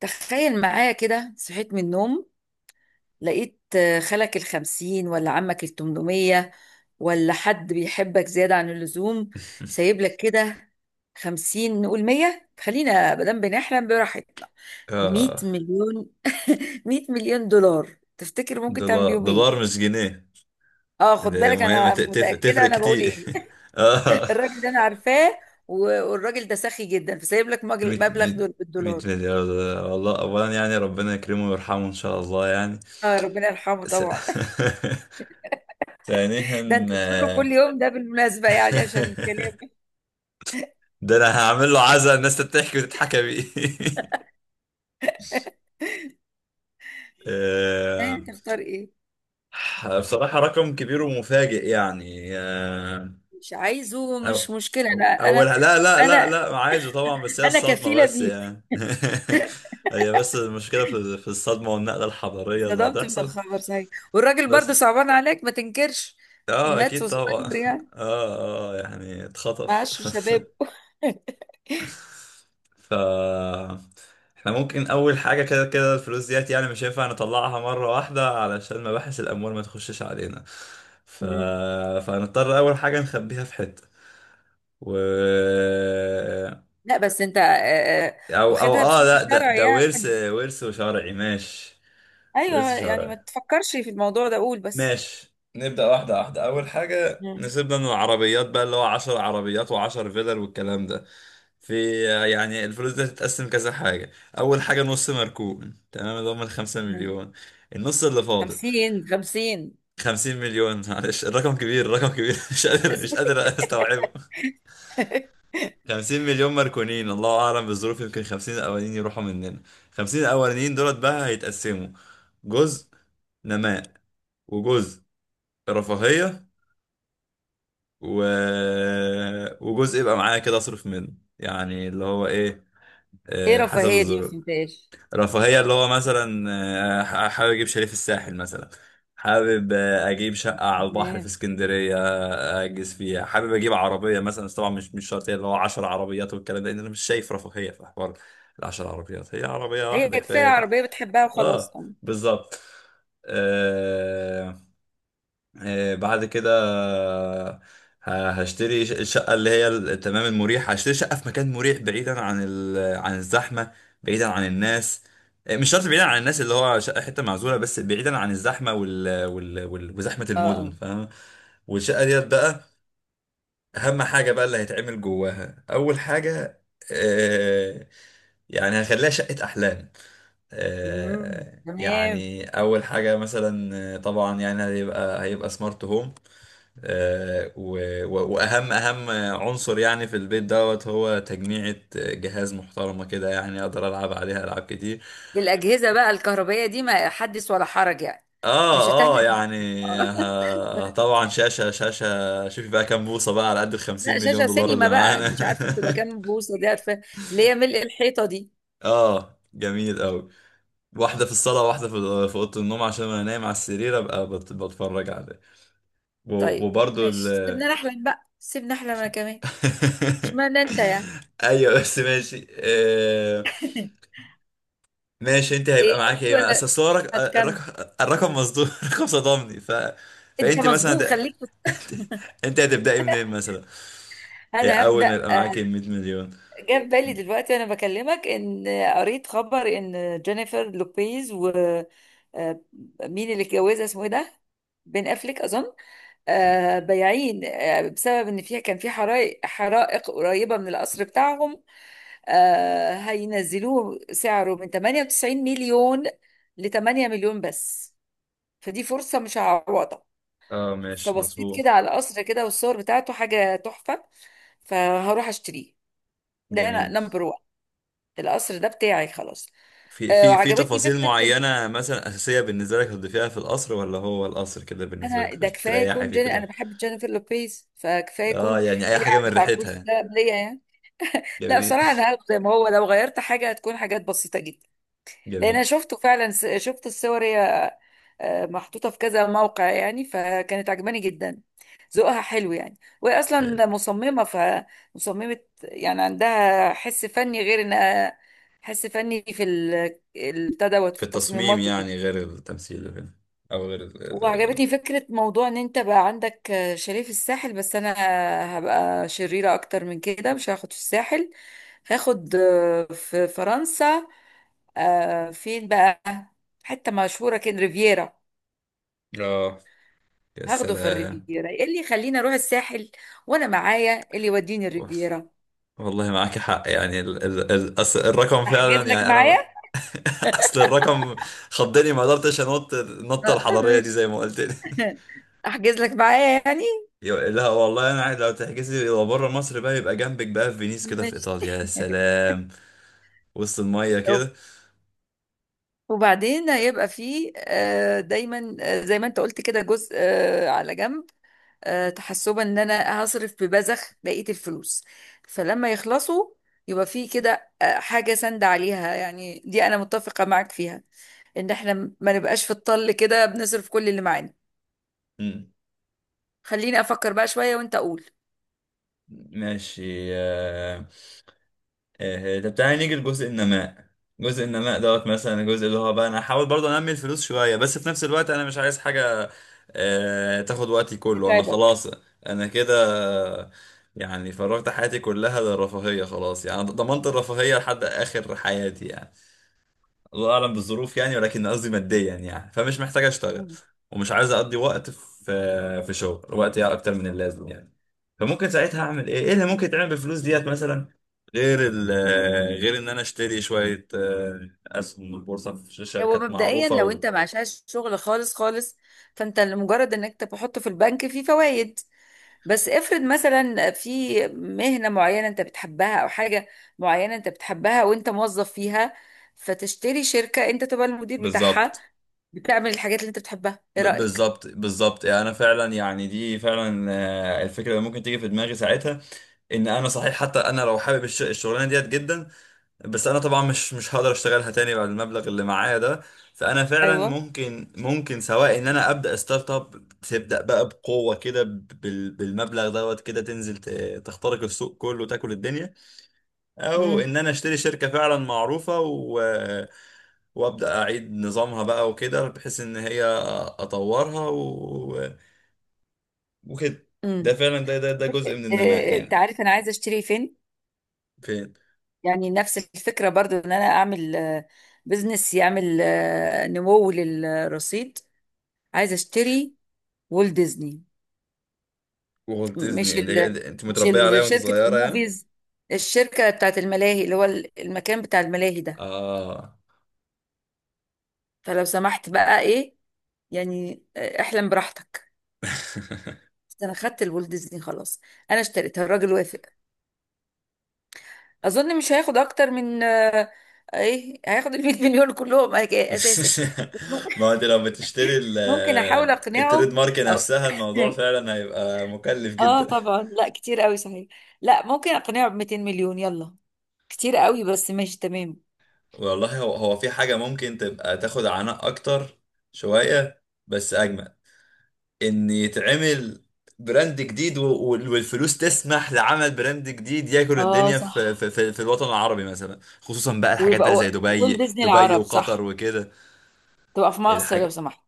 تخيل معايا كده، صحيت من النوم. لقيت خالك الخمسين ولا عمك الـ800، ولا حد بيحبك زيادة عن اللزوم. سايب لك كده 50، نقول 100، خلينا مادام بنحلم براحتنا. مية اه مليون 100 مليون دولار تفتكر ممكن تعمل دولار بيهم دولار، ايه؟ مش جنيه. اه، خد ده بالك مهمة انا متأكدة تفرق انا بقول كتير. ايه. اه، الراجل ده انا عارفاه. و- والراجل ده سخي جدا، فسايب لك 100 مبلغ 100 دول 100 بالدولار. مليار دولار. والله، اولا يعني ربنا يكرمه ويرحمه ان شاء الله يعني. اه، ربنا يرحمه س... طبعا. ثانيا، ده انت تزوره كل آه، يوم ده بالمناسبة يعني عشان الكلام. ده انا هعمل له عزا الناس تضحك وتتحكى بيه. ها، آه، تختار ايه؟ بصراحة رقم كبير ومفاجئ يعني، مش عايزه، أو مش مشكلة، أو أولها، لا لا لا انا لا، عايزه طبعا، بس هي انا الصدمة كفيلة بس بيه. يعني. هي بس المشكلة في الصدمة والنقلة الحضارية اللي صدمت من هتحصل. الخبر صحيح. والراجل برضه بس صعبان عليك، ما تنكرش. اه، مات أكيد طبعا. وصغير يعني، اه اه، يعني اتخطف. معاش شباب. ف احنا ممكن أول حاجة، كده كده الفلوس ديت يعني مش هينفع نطلعها مرة واحدة علشان مباحث الأموال ما تخشش علينا. ف... مم. فهنضطر أول حاجة نخبيها في حتة. و لا بس انت آه، او او واخدها اه لا، بشكل ده شرعي ده ورث، يعني. ورث شرعي، ماشي. ورث ايوه يعني، شرعي، ما تفكرش في الموضوع ده، قول بس. ماشي. نبدأ واحدة واحدة. أول حاجة مم. نسيبنا من العربيات بقى، اللي هو عشر عربيات وعشر فيلر والكلام ده. في يعني الفلوس دي هتتقسم كذا حاجة. أول حاجة نص مركون، تمام، اللي هم الخمسة مم. مليون. النص اللي فاضل، 50 50. خمسين مليون. معلش الرقم كبير، الرقم كبير، مش قادر، مش قادر أستوعبه. 50 مليون مركونين، الله اعلم بالظروف، يمكن 50 الاولانيين يروحوا مننا. 50 الاولانيين دولت بقى هيتقسموا. جزء نماء، وجزء رفاهية، و... وجزء يبقى معايا كده اصرف منه. يعني اللي هو ايه، ايه حسب رفاهية دي؟ ما الظروف. فهمتهاش. رفاهية اللي هو مثلا حابب أجيب شاليه في الساحل مثلا، حابب أجيب شقة على البحر في اسكندرية، أجلس فيها، حابب أجيب عربية مثلا، بس طبعا مش شرط هي اللي هو 10 عربيات والكلام ده، لأن أنا مش شايف رفاهية في حوار. العشر عربيات هي عربية هي واحدة كفايه، كفاية. العربيه بتحبها وخلاص أه، طبعا. بالظبط. بعد كده الشقة اللي هي تمام المريح، هشتري شقة في مكان مريح، بعيدا عن عن الزحمة، بعيدا عن الناس. مش شرط بعيدا عن الناس اللي هو شقة حتة معزولة، بس بعيدا عن الزحمة وزحمة اه المدن، اه. فاهم. والشقة ديت بقى، أهم حاجة بقى اللي هيتعمل جواها أول حاجة، آه، يعني هخليها شقة أحلام. امم، تمام. يعني أول حاجة مثلا طبعا يعني هيبقى سمارت هوم. واهم عنصر يعني في البيت دوت، هو تجميعة جهاز محترمة كده يعني اقدر العب عليها العاب كتير. دي الاجهزه بقى الكهربائيه دي ما حدث ولا حرج يعني. مش هتحرج اه نفسك يعني اه. طبعا شاشة، شوفي بقى كام بوصة بقى على قد الخمسين لا، مليون شاشه دولار سينما اللي بقى، معانا. مش عارفه بتبقى كام بوصه دي، عارفه اللي هي ملء الحيطه دي. اه، جميل قوي. واحدة في الصالة، واحدة في أوضة النوم، عشان انا نايم على السرير ابقى بتفرج عليه. و- طيب وبرضو ال ماشي، سيبنا نحلم بقى سيبنا نحلم انا كمان. مش معنى انت يعني. ايوه بس ماشي، ماشي. انت ايه، هيبقى معاك ايه؟ ما ولا اصل هو هتكمل؟ الرقم، الرقم مصدوم، الرقم صدمني. ف انت فانت مثلا مصدوم خليك. انت انت هتبداي منين مثلا؟ إيه انا اول هبدا. ما يبقى معاك 100 مليون؟ جاب بالي دلوقتي وانا بكلمك ان قريت خبر ان جينيفر لوبيز و آه، مين اللي اتجوزها اسمه ايه ده، بين افليك اظن. بايعين بسبب ان فيها كان في حرائق قريبه من القصر بتاعهم. هينزلوه سعره من 98 مليون ل 8 مليون بس، فدي فرصه مش هعوضها. اه ماشي، فبصيت كده مظبوط، على القصر كده، والصور بتاعته حاجه تحفه، فهروح اشتريه. ده انا جميل. نمبر. القصر ده بتاعي خلاص. في آه، في في وعجبتني تفاصيل فكره ان معينة مثلا أساسية بالنسبة لك هتضيفيها في القصر، ولا هو القصر كده بالنسبة انا ده لك كفايه تريحي يكون فيه كده؟ انا بحب جينيفر لوبيز فكفايه يكون. اه يعني أي هي حاجة من قعدت على ريحتها الكرسي يعني. ده قبلية يعني. لا جميل. بصراحه انا هاخده زي ما هو، لو غيرت حاجه هتكون حاجات بسيطه جدا. لان انا جميل. شفته فعلا، شفت الصور هي محطوطه في كذا موقع يعني، فكانت عجباني جدا. ذوقها حلو يعني، وهي حلو. اصلا مصممه فمصممه، يعني عندها حس فني، غير انها حس فني في البتاع دوت في في التصميم التصميمات وكده. يعني، غير التمثيل وكده، أو غير وعجبتني فكرة موضوع ان انت بقى عندك شاليه في الساحل، بس انا هبقى شريرة اكتر من كده، مش هاخد في الساحل. هاخد في فرنسا، فين بقى، حتة مشهورة كده، ريفيرا. ال- اه يا هاخده في سلام. الريفيرا، إيه اللي يخليني اروح الساحل وانا معايا إيه اللي يوديني الريفيرا؟ والله معاك حق يعني، ال ال ال أصل الرقم احجز فعلا لك يعني، انا معايا. ما- اصل الرقم خضني، ما قدرتش انط النطه الحضاريه دي مش زي ما قلت لي. احجز لك معايا يعني، لا والله انا عايز لو تحجزي، لو بره مصر بقى يبقى جنبك بقى في فينيس كده في مش. ايطاليا، يا سلام، وسط الميه كده. وبعدين هيبقى فيه دايما زي ما انت قلت كده، جزء على جنب، تحسبا ان انا هصرف ببذخ بقية الفلوس، فلما يخلصوا يبقى فيه كده حاجة سند عليها. يعني دي انا متفقة معاك فيها، ان احنا ما نبقاش في الطل كده بنصرف كل اللي معانا. مم. خليني افكر بقى شوية وانت اقول. ماشي. آه. طب تعالى نيجي لجزء النماء. جزء النماء دوت مثلا، الجزء اللي هو بقى انا هحاول برضه انمي الفلوس شويه، بس في نفس الوقت انا مش عايز حاجه تاخد وقتي كله. انا تتعبك. خلاص، انا كده، آه، يعني فرغت حياتي كلها للرفاهيه، خلاص يعني ضمنت الرفاهيه لحد اخر حياتي يعني، الله اعلم بالظروف يعني، ولكن قصدي ماديا يعني. فمش محتاج اشتغل، مم. ومش عايز اقضي وقت في شغل وقت يعني اكتر من اللازم يعني. فممكن ساعتها اعمل ايه؟ ايه اللي ممكن يتعمل بالفلوس ديت مثلا، غير ال غير ان انا اشتري شويه اسهم من البورصه في هو شركات مبدئيا معروفه لو انت معشاش شغل خالص خالص، فانت لمجرد انك تحطه في البنك فيه فوائد. بس افرض مثلا في مهنة معينة انت بتحبها، او حاجة معينة انت بتحبها وانت موظف فيها، فتشتري شركة انت تبقى المدير بتاعها، بالظبط. بتعمل الحاجات اللي انت بتحبها، ايه ب- رأيك؟ بالظبط بالظبط انا فعلا يعني دي فعلا الفكره اللي ممكن تيجي في دماغي ساعتها. ان انا صحيح حتى انا لو حابب الشغلانه ديت جدا، بس انا طبعا مش هقدر اشتغلها تاني بعد المبلغ اللي معايا ده. فانا فعلا ايوه. ممكن سواء ان انا ابدا ستارت اب، تبدا بقى بقوه كده بالمبلغ دوت كده، تنزل تخترق السوق كله وتاكل الدنيا، او امم. ان انا اشتري شركه فعلا معروفه وابدا اعيد نظامها بقى وكده، بحيث ان هي اطورها وكده. ده امم. فعلا، ده جزء من النماء إيه، انت يعني. عارف انا عايزة اشتري فين؟ فين؟ يعني نفس الفكرة برضو ان انا اعمل بزنس يعمل نمو للرصيد. عايزة اشتري وول ديزني. وولت ديزني، مش يعني ال... انت مش متربيه عليها ال- وانت شركة صغيره يعني. الموفيز، الشركة بتاعت الملاهي، اللي هو المكان بتاع الملاهي ده. اه. فلو سمحت بقى ايه، يعني احلم براحتك. بس انا خدت الولد ديزني خلاص، انا اشتريتها، الراجل وافق. اظن مش هياخد اكتر من ايه، هياخد ال 100 مليون كلهم اساسا. ما هو انت لو بتشتري ممكن احاول التريد اقنعه، مارك أو... نفسها الموضوع فعلا هيبقى مكلف اه جدا. طبعا لا، كتير قوي صحيح. لا ممكن اقنعه ب 200 مليون، يلا، كتير قوي بس ماشي تمام. والله هو، هو في حاجة ممكن تبقى تاخد عناء أكتر شوية بس أجمل، إن يتعمل براند جديد، والفلوس تسمح لعمل براند جديد ياكل اه الدنيا صح، في، في، في، في الوطن العربي مثلا، خصوصا بقى الحاجات بقى ويبقى اللي زي والت دبي، ديزني العرب وقطر صح. وكده. تبقى في مصر لو الحاجة سمحت،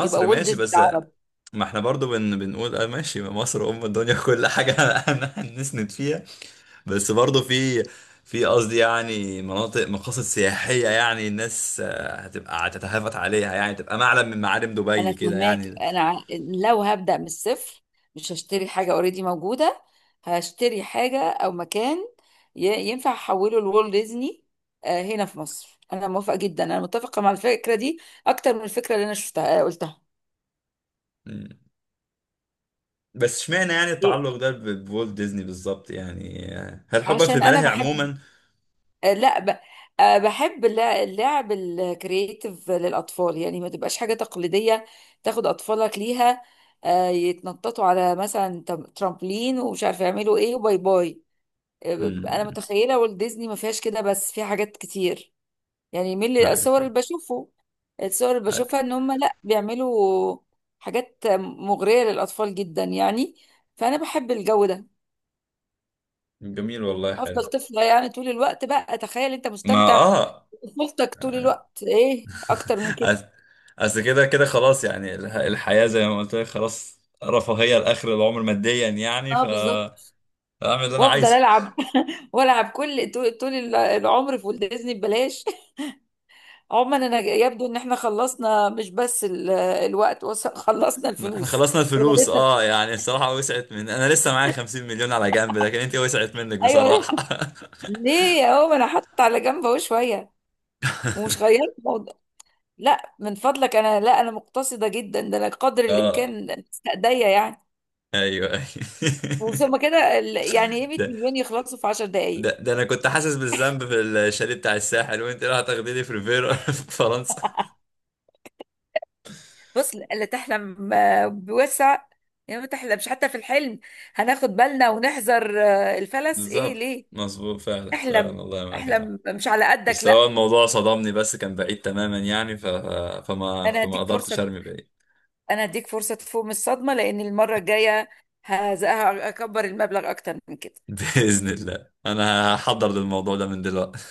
يبقى والت ماشي. ديزني بس العرب. ما احنا برضو بنقول، اه ماشي، مصر ام الدنيا كل حاجة. انا هنسند فيها، بس برضو في في قصدي يعني مناطق، مقاصد سياحية يعني، الناس هتبقى هتتهافت عليها يعني، تبقى معلم من معالم انا دبي كده فهماك، يعني. انا لو هبدأ من الصفر مش هشتري حاجة اوريدي موجودة، هشتري حاجة او مكان ينفع احوله لوالت ديزني هنا في مصر. انا موافقة جدا، انا متفقة مع الفكرة دي اكتر من الفكرة اللي انا شفتها قلتها. م. بس اشمعنى يعني إيه؟ التعلق ده بوالت ديزني بالظبط يعني، هل حبا في عشان انا الملاهي بحب عموما؟ آه، لا ب... آه، بحب اللعب الكرييتيف للأطفال، يعني ما تبقاش حاجة تقليدية تاخد أطفالك ليها يتنططوا على مثلا ترامبلين ومش عارفة يعملوا ايه وباي باي. م. أنا متخيلة والت ديزني ما فيهاش كده، بس في حاجات كتير، يعني من آه. الصور اللي بشوفه، الصور اللي آه. بشوفها، إن هم لا بيعملوا حاجات مغرية للأطفال جدا يعني. فأنا بحب الجو ده، جميل والله، حلو. هفضل طفلة يعني طول الوقت. بقى تخيل انت ما مستمتع اه، طفولتك طول الوقت، ايه اكتر من كده؟ أص- اصل كده كده خلاص يعني الحياة زي ما قلت لك خلاص رفاهية لآخر العمر ماديا يعني. اه بالظبط. اعمل اللي انا وافضل عايزه. العب والعب كل طول العمر في ولد ديزني ببلاش. عموما انا يبدو ان احنا خلصنا مش بس الوقت، خلصنا احنا الفلوس. خلصنا ولا الفلوس، لسه؟ اه يعني الصراحة وسعت من، انا لسه معايا 50 مليون على جنب، لكن انت وسعت منك ايوه، بصراحة. ليه يا هو، انا حاطه على جنب اهو شويه، ومش غيرت الموضوع. لا من فضلك، انا لا، انا مقتصده جدا، ده انا قدر اه الامكان استأذية يعني. ايوه ايوه. وثم كده يعني ايه، 100 ده مليون يخلصوا في 10 ده دقائق. ده انا كنت حاسس بالذنب في الشاليه بتاع الساحل، وانت راح تاخديني في ريفيرا في فرنسا. بص لا تحلم بوسع، يا ما تحلمش حتى في الحلم. هناخد بالنا ونحذر الفلس ايه بالظبط، ليه. مظبوط، فعلا فعلا احلم، والله معاك حق. احلم مش على قدك بس هو لا. الموضوع صدمني، بس كان بعيد تماما يعني. ف... فما انا فما هديك قدرتش فرصة، ارمي بعيد. انا هديك فرصة تفوق من الصدمة، لان المرة الجاية هكبر المبلغ اكتر من كده. باذن الله انا هحضر للموضوع ده من دلوقتي.